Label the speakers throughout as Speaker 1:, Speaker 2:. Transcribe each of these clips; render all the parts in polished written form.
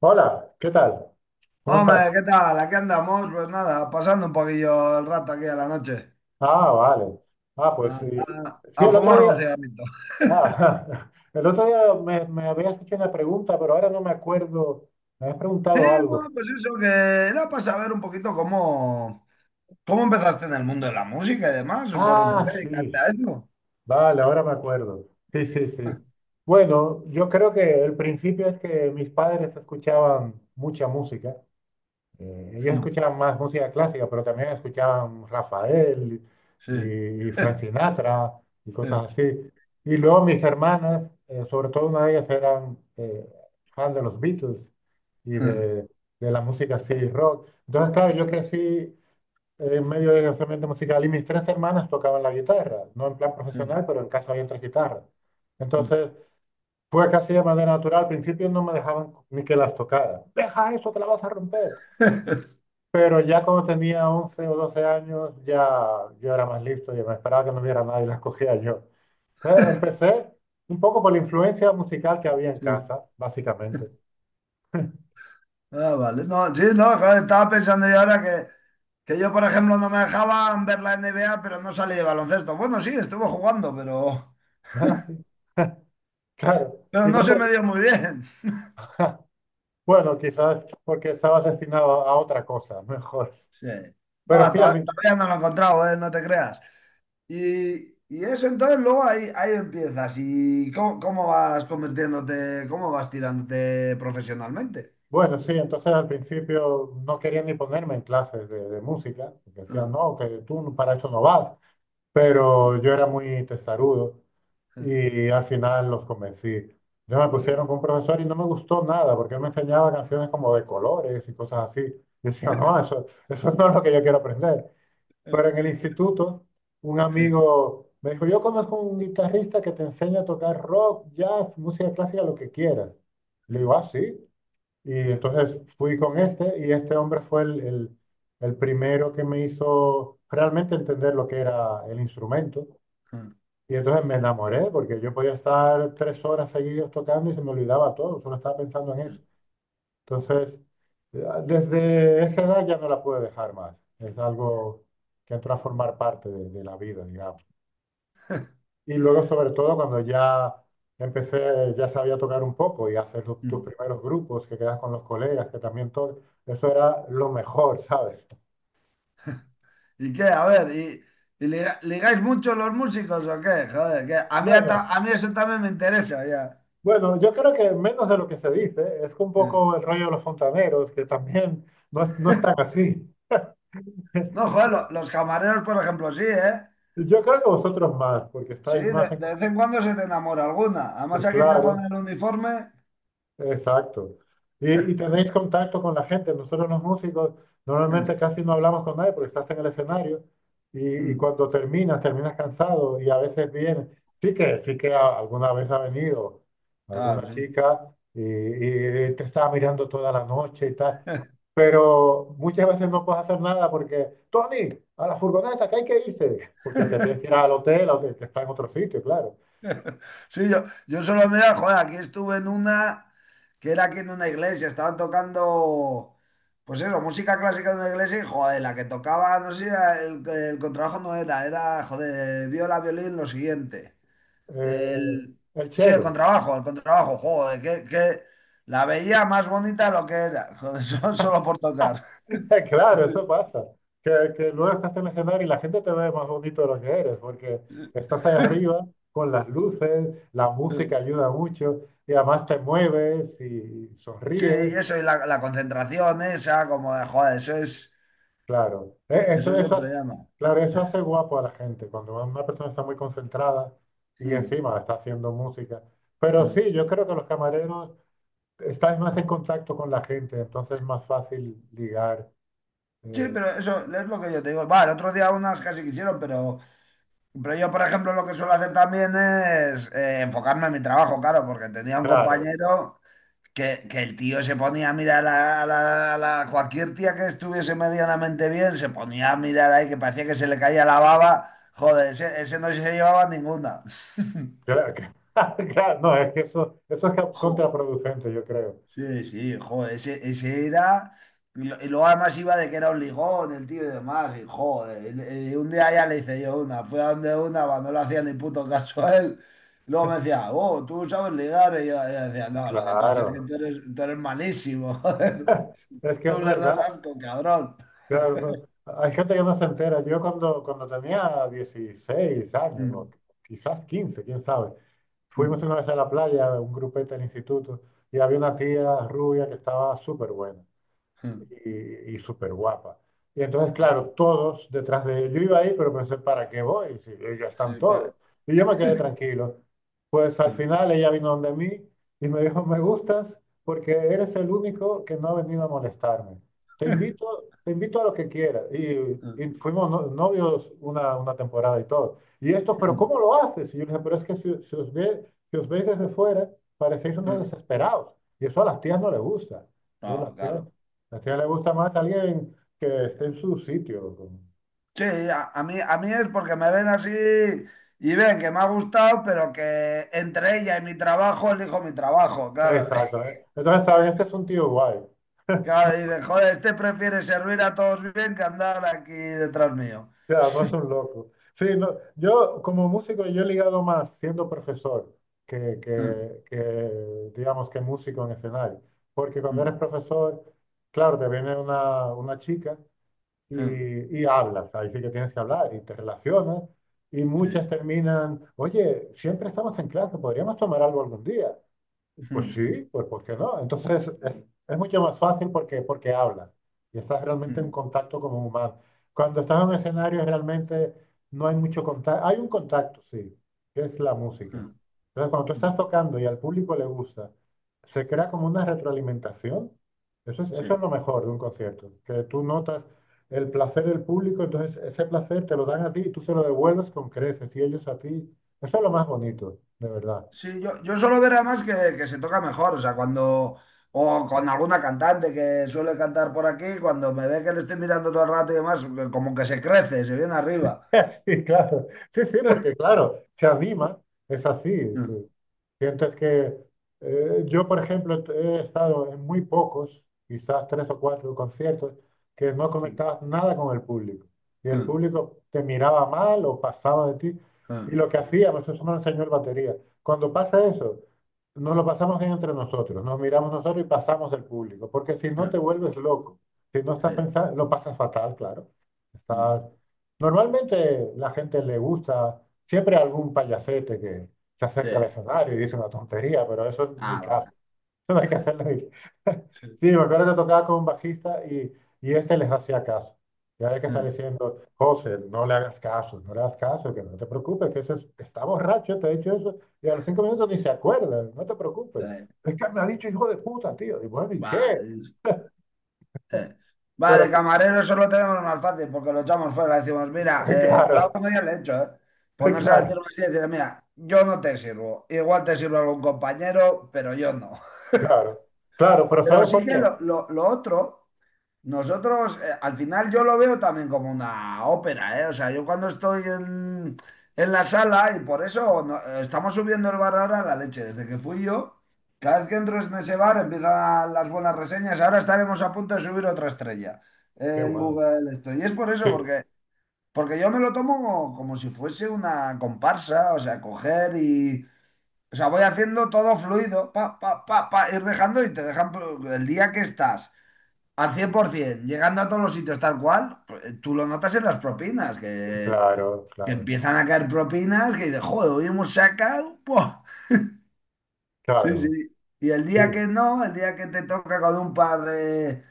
Speaker 1: Hola, ¿qué tal? ¿Cómo estás?
Speaker 2: Hombre, ¿qué tal? Aquí andamos, pues nada, pasando un poquillo el rato aquí a la noche,
Speaker 1: Ah, vale. Ah, pues
Speaker 2: a,
Speaker 1: sí.
Speaker 2: a-
Speaker 1: Sí,
Speaker 2: a
Speaker 1: el otro
Speaker 2: fumar un
Speaker 1: día,
Speaker 2: cigarrito.
Speaker 1: el otro día me habías hecho una pregunta, pero ahora no me acuerdo. Me habías
Speaker 2: Sí,
Speaker 1: preguntado
Speaker 2: no,
Speaker 1: algo.
Speaker 2: pues eso, que era para saber un poquito cómo empezaste en el mundo de la música y demás, por, por
Speaker 1: Ah,
Speaker 2: qué dedicaste
Speaker 1: sí.
Speaker 2: a eso.
Speaker 1: Vale, ahora me acuerdo. Sí, sí, sí. Bueno, yo creo que el principio es que mis padres escuchaban mucha música. Ellos escuchaban más música clásica, pero también escuchaban Rafael
Speaker 2: Sí.
Speaker 1: y, y Frank Sinatra y cosas así. Y luego mis hermanas, sobre todo una de ellas, eran fan de los Beatles y de, de la música así, rock. Entonces, claro, yo crecí en medio de ese ambiente musical y mis tres hermanas tocaban la guitarra, no en plan profesional, pero en casa había tres guitarras. Entonces, fue casi de manera natural. Al principio no me dejaban ni que las tocara. Deja eso, te la vas a romper. Pero ya cuando tenía 11 o 12 años, ya yo era más listo y me esperaba que no hubiera nadie, las cogía yo. Entonces, empecé un poco por la influencia musical que había en
Speaker 2: Sí.
Speaker 1: casa, básicamente.
Speaker 2: Ah, vale. No, sí, no, joder, estaba pensando yo ahora que yo, por ejemplo, no me dejaban ver la NBA, pero no salí de baloncesto. Bueno, sí, estuve jugando, pero...
Speaker 1: Ah, sí, claro. Y
Speaker 2: Pero no
Speaker 1: no
Speaker 2: se
Speaker 1: te...
Speaker 2: me dio muy bien.
Speaker 1: Bueno, quizás porque estaba destinado a otra cosa, mejor.
Speaker 2: Sí.
Speaker 1: Pero
Speaker 2: Va,
Speaker 1: sí, a mí,
Speaker 2: todavía no lo he encontrado, ¿eh? No te creas. Y eso entonces luego ahí empiezas. ¿Y cómo vas convirtiéndote, cómo vas tirándote profesionalmente?
Speaker 1: bueno, sí, entonces al principio no querían ni ponerme en clases de música, porque decían, no, que tú para eso no vas. Pero yo era muy testarudo y al final los convencí. Ya me pusieron con un profesor y no me gustó nada porque él me enseñaba canciones como de colores y cosas así. Y decía, no, eso no es lo que yo quiero aprender. Pero en el instituto, un
Speaker 2: Sí.
Speaker 1: amigo me dijo, yo conozco un guitarrista que te enseña a tocar rock, jazz, música clásica, lo que quieras. Le digo, ah, sí. Y entonces fui con este y este hombre fue el primero que me hizo realmente entender lo que era el instrumento. Y entonces me enamoré porque yo podía estar tres horas seguidos tocando y se me olvidaba todo, solo estaba pensando en eso. Entonces, desde esa edad ya no la pude dejar más. Es algo que entró a formar parte de la vida, digamos. Y luego, sobre todo, cuando ya empecé, ya sabía tocar un poco y hacer tus primeros grupos, que quedas con los colegas, que también todo, eso era lo mejor, ¿sabes?
Speaker 2: ¿Y qué? A ver, ¿ ligáis mucho los músicos o qué? Joder, que a mí,
Speaker 1: Bueno,
Speaker 2: a mí eso también me interesa ya.
Speaker 1: bueno, yo creo que menos de lo que se dice, es un poco el rollo de los fontaneros, que también no, no están así.
Speaker 2: No, joder, los camareros, por ejemplo, sí, ¿eh?
Speaker 1: Yo creo que vosotros más, porque
Speaker 2: Sí,
Speaker 1: estáis
Speaker 2: de,
Speaker 1: más en...
Speaker 2: de vez en cuando se te enamora alguna. Además aquí te pone
Speaker 1: Claro.
Speaker 2: el uniforme.
Speaker 1: Exacto. Y tenéis contacto con la gente. Nosotros los músicos normalmente
Speaker 2: Mm,
Speaker 1: casi no hablamos con nadie porque estás en el escenario y
Speaker 2: mm,
Speaker 1: cuando terminas, terminas cansado y a veces viene. Sí que alguna vez ha venido
Speaker 2: Claro,
Speaker 1: alguna
Speaker 2: sí.
Speaker 1: chica y te estaba mirando toda la noche y tal. Pero muchas veces no puedes hacer nada porque, Tony, a la furgoneta, que hay que irse. Porque te tienes que ir al hotel, que está en otro sitio, claro.
Speaker 2: Sí, yo solo mira, joder, aquí estuve en una que era aquí en una iglesia, estaban tocando, pues eso, música clásica de una iglesia y joder, la que tocaba, no sé, si era el contrabajo no era, era, joder, viola, violín, lo siguiente.
Speaker 1: Eh, eh,
Speaker 2: El,
Speaker 1: el
Speaker 2: sí, el
Speaker 1: chelo.
Speaker 2: contrabajo, el contrabajo, joder, que la veía más bonita de lo que era, joder, solo por tocar.
Speaker 1: Claro, eso pasa. Que luego estás en el escenario y la gente te ve más bonito de lo que eres, porque estás ahí arriba con las luces, la música ayuda mucho y además te mueves y
Speaker 2: Sí,
Speaker 1: sonríes.
Speaker 2: y eso, y la concentración esa, como de, joder, eso es,
Speaker 1: Claro,
Speaker 2: eso siempre llama.
Speaker 1: claro, eso hace guapo a la gente cuando una persona está muy concentrada y
Speaker 2: Mm,
Speaker 1: encima está haciendo música. Pero
Speaker 2: mm.
Speaker 1: sí, yo creo que los camareros estás más en contacto con la gente, entonces es más fácil ligar.
Speaker 2: Sí,
Speaker 1: eh,
Speaker 2: pero eso es lo que yo te digo. Va, el otro día unas casi quisieron, pero yo, por ejemplo, lo que suelo hacer también es enfocarme en mi trabajo, claro, porque tenía un
Speaker 1: claro.
Speaker 2: compañero que el tío se ponía a mirar a cualquier tía que estuviese medianamente bien, se ponía a mirar ahí, que parecía que se le caía la baba. Joder, ese no se llevaba ninguna.
Speaker 1: Claro, que- claro, no, es que eso,
Speaker 2: Jo.
Speaker 1: contraproducente, yo creo.
Speaker 2: Sí, sí, joder, ese era. Y y luego además iba de que era un lijón, el tío y demás, y joder. Y y un día ya le hice yo una, fui a donde una cuando no le hacía ni puto caso a él. Luego me decía, oh, tú sabes ligar. Y yo decía, no, lo que pasa es que
Speaker 1: Claro,
Speaker 2: tú eres malísimo, joder.
Speaker 1: es que
Speaker 2: Tú
Speaker 1: es
Speaker 2: les das
Speaker 1: verdad.
Speaker 2: asco, cabrón.
Speaker 1: Claro, no- hay gente que no se entera. Yo cuando tenía 16 años, o
Speaker 2: Mm,
Speaker 1: quizás 15 quién sabe, fuimos
Speaker 2: mm,
Speaker 1: una vez a la playa, un grupete del instituto, y había una tía rubia que estaba súper buena.
Speaker 2: mm,
Speaker 1: Y súper guapa. Y entonces,
Speaker 2: mm.
Speaker 1: claro, todos detrás de ellos. Yo iba ahí, pero pensé, ¿para qué voy? Si ya están
Speaker 2: Sí,
Speaker 1: todos. Y yo me quedé tranquilo. Pues al final ella vino donde mí y me dijo, me gustas porque eres el único que no ha venido a molestarme. Te invito, te invito a lo que quieras. Y fuimos novios una temporada y todo. Y esto, pero ¿cómo lo haces? Y yo le dije, pero es que si os ve, si os veis desde fuera, parecéis unos desesperados. Y eso a las tías no les gusta. Entonces,
Speaker 2: No,
Speaker 1: las tías
Speaker 2: claro.
Speaker 1: es que le gusta más a alguien que esté en su sitio.
Speaker 2: Sí, a mí es porque me ven así y ven que me ha gustado, pero que entre ella y mi trabajo elijo mi trabajo, claro.
Speaker 1: Exacto, ¿eh? Entonces, saben Este es un tío guay.
Speaker 2: Claro, y dicen, joder, este prefiere servir a todos bien que andar aquí detrás mío.
Speaker 1: Ya, no es un loco. Sí, no, yo como músico, yo he ligado más siendo profesor que, digamos, que músico en escenario. Porque cuando eres profesor, claro, te viene una chica
Speaker 2: Sí,
Speaker 1: y hablas. Ahí sí que tienes que hablar y te relacionas. Y muchas terminan, oye, siempre estamos en clase, podríamos tomar algo algún día. Pues sí, pues ¿por qué no? Entonces es mucho más fácil porque hablas y estás realmente en contacto como un humano. Cuando estás en un escenario realmente no hay mucho contacto, hay un contacto, sí, que es la música. Entonces cuando tú estás tocando y al público le gusta, se crea como una retroalimentación. Eso es
Speaker 2: sí.
Speaker 1: lo mejor de un concierto, que tú notas el placer del público, entonces ese placer te lo dan a ti y tú se lo devuelves con creces y ellos a ti. Eso es lo más bonito, de verdad.
Speaker 2: Sí, yo suelo ver además que se toca mejor, o sea, cuando, o con alguna cantante que suele cantar por aquí, cuando me ve que le estoy mirando todo el rato y demás, como que se crece, se viene arriba.
Speaker 1: Sí, claro. Sí, sí, porque claro, se anima, es así. Tú sientes que yo, por ejemplo, he estado en muy pocos, quizás tres o cuatro conciertos, que no conectabas nada con el público. Y el público te miraba mal o pasaba de ti. Y lo que hacíamos, eso me lo enseñó el batería. Cuando pasa eso, nos lo pasamos bien entre nosotros, nos miramos nosotros y pasamos del público. Porque si no te vuelves loco, si no estás
Speaker 2: うんうんうんせうんせah,
Speaker 1: pensando, lo pasas fatal, claro. Estás Normalmente la gente le gusta siempre algún payasete que se acerca al escenario y dice una tontería, pero eso ni caso.
Speaker 2: va.
Speaker 1: Eso no hay que hacerlo.
Speaker 2: Sí.
Speaker 1: Sí, me acuerdo que tocaba con un bajista y este les hacía caso. Ya había que estar
Speaker 2: Mm,
Speaker 1: diciendo, José, no le hagas caso, no le hagas caso, que no te preocupes, que está borracho, te ha dicho eso, y a los cinco minutos ni se acuerda, no te preocupes.
Speaker 2: tres,
Speaker 1: Es que me ha dicho hijo de puta, tío. Y bueno, ¿y
Speaker 2: va,
Speaker 1: qué?
Speaker 2: es- eh. Va,
Speaker 1: Pero,
Speaker 2: de
Speaker 1: son-
Speaker 2: camarero solo tenemos más fácil porque lo echamos fuera. Le decimos, mira, yo
Speaker 1: claro,
Speaker 2: algún día le he hecho, ¿eh? Ponerse a
Speaker 1: claro,
Speaker 2: decirlo así y decirle, mira, yo no te sirvo. Igual te sirve algún compañero, pero yo no.
Speaker 1: claro, claro, pero
Speaker 2: Pero
Speaker 1: ¿sabes
Speaker 2: sí
Speaker 1: por
Speaker 2: que
Speaker 1: qué?
Speaker 2: lo otro. Nosotros, al final yo lo veo también como una ópera, ¿eh? O sea, yo cuando estoy en la sala, y por eso estamos subiendo el bar ahora a la leche, desde que fui yo, cada vez que entro en ese bar empiezan las buenas reseñas, ahora estaremos a punto de subir otra estrella
Speaker 1: Qué
Speaker 2: en
Speaker 1: bueno.
Speaker 2: Google esto. Y es por eso,
Speaker 1: Sí,
Speaker 2: porque yo me lo tomo como, como si fuese una comparsa, o sea, coger y... O sea, voy haciendo todo fluido, pa, pa, pa, pa, ir dejando y te dejan pues, el día que estás al 100%, llegando a todos los sitios tal cual, pues, tú lo notas en las propinas, que,
Speaker 1: claro,
Speaker 2: que
Speaker 1: claro,
Speaker 2: empiezan a caer propinas, que dices, joder, hoy hemos sacado. ¡Buah! Sí,
Speaker 1: claro,
Speaker 2: sí. Y el día
Speaker 1: sí,
Speaker 2: que no, el día que te toca con un par de,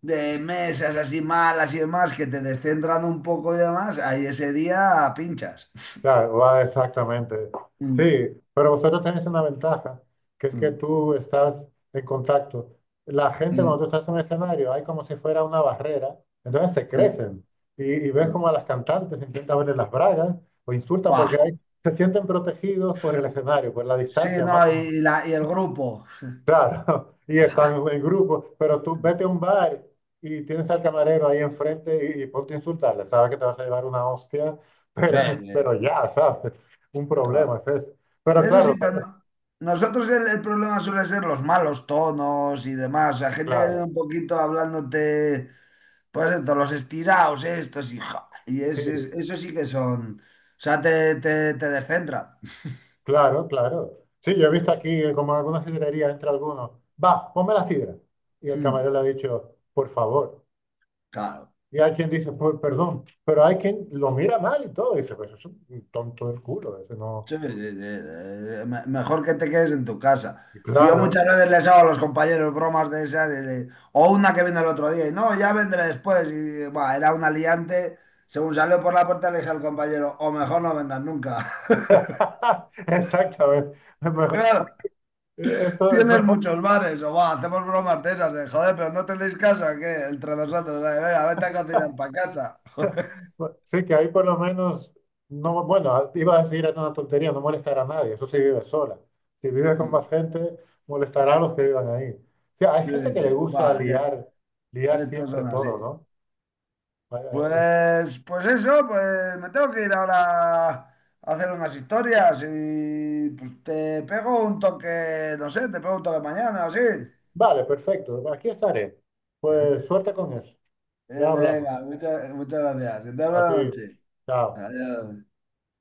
Speaker 2: de mesas así malas y demás, que te descentran un poco y demás, ahí ese día pinchas.
Speaker 1: claro, va exactamente. Sí,
Speaker 2: Mm,
Speaker 1: pero vosotros tenéis una ventaja, que es que
Speaker 2: mm,
Speaker 1: tú estás en contacto. La gente cuando tú
Speaker 2: mm,
Speaker 1: estás en un escenario hay como si fuera una barrera, entonces se
Speaker 2: mm.
Speaker 1: crecen y ves
Speaker 2: mm.
Speaker 1: como a las cantantes intentan verle las bragas o insultan porque
Speaker 2: Buah.
Speaker 1: se sienten protegidos por el escenario, por la
Speaker 2: Sí,
Speaker 1: distancia más.
Speaker 2: no, y, y el grupo.
Speaker 1: Claro, y están en grupo, pero tú vete a un bar y tienes al camarero ahí enfrente y ponte a insultarle, sabes que te vas a llevar una hostia,
Speaker 2: Sí,
Speaker 1: pero,
Speaker 2: sí,
Speaker 1: pero ya, ¿sabes? Un problema
Speaker 2: claro.
Speaker 1: es eso. Pero
Speaker 2: Eso sí, pero nosotros el problema suele ser los malos tonos y demás. O sea, gente que viene
Speaker 1: claro,
Speaker 2: un poquito hablándote, pues esto, los estirados, estos y,
Speaker 1: sí,
Speaker 2: eso sí que son. O sea, te descentra.
Speaker 1: claro. Sí, yo he visto aquí como en alguna sidrería entre algunos, va, ponme la sidra. Y el
Speaker 2: Mm,
Speaker 1: camarero le ha dicho, por favor.
Speaker 2: Claro.
Speaker 1: Y hay quien dice, por perdón, pero hay quien lo mira mal y todo, y dice, pues es un tonto del culo, ese no.
Speaker 2: Sí, sí, sí, mejor que te quedes en tu casa.
Speaker 1: Y
Speaker 2: Si yo
Speaker 1: claro.
Speaker 2: muchas veces les hago a los compañeros bromas de esas, y o una que vino el otro día, y no, ya vendré después. Y bah, era un aliante. Según salió por la puerta, le dije al compañero, o mejor no vendas nunca.
Speaker 1: Exactamente. Mejor,
Speaker 2: Claro,
Speaker 1: eso es
Speaker 2: tienes
Speaker 1: mejor.
Speaker 2: muchos bares, o va, hacemos bromas de esas, de joder, pero no tenéis casa, que entre nosotros, venga, vete a cocinar para casa.
Speaker 1: Sí, que ahí por lo menos, no, bueno, iba a decir era una tontería, no molestar a nadie, eso sí vive sola. Si vive con más gente, molestará a los que vivan ahí. O sea, hay
Speaker 2: Sí,
Speaker 1: gente que
Speaker 2: sí,
Speaker 1: le gusta
Speaker 2: va, ya,
Speaker 1: liar, liar
Speaker 2: estos
Speaker 1: siempre
Speaker 2: son así.
Speaker 1: todo, ¿no?
Speaker 2: Pues, pues eso, pues me tengo que ir ahora a hacer unas historias y pues te pego un toque, no sé, te pego un toque mañana o así.
Speaker 1: Vale, perfecto, aquí estaré. Pues suerte con eso. Ya hablamos.
Speaker 2: Venga, muchas, muchas gracias. Que tengas
Speaker 1: A
Speaker 2: buena
Speaker 1: ti,
Speaker 2: noche.
Speaker 1: chao.
Speaker 2: Adiós.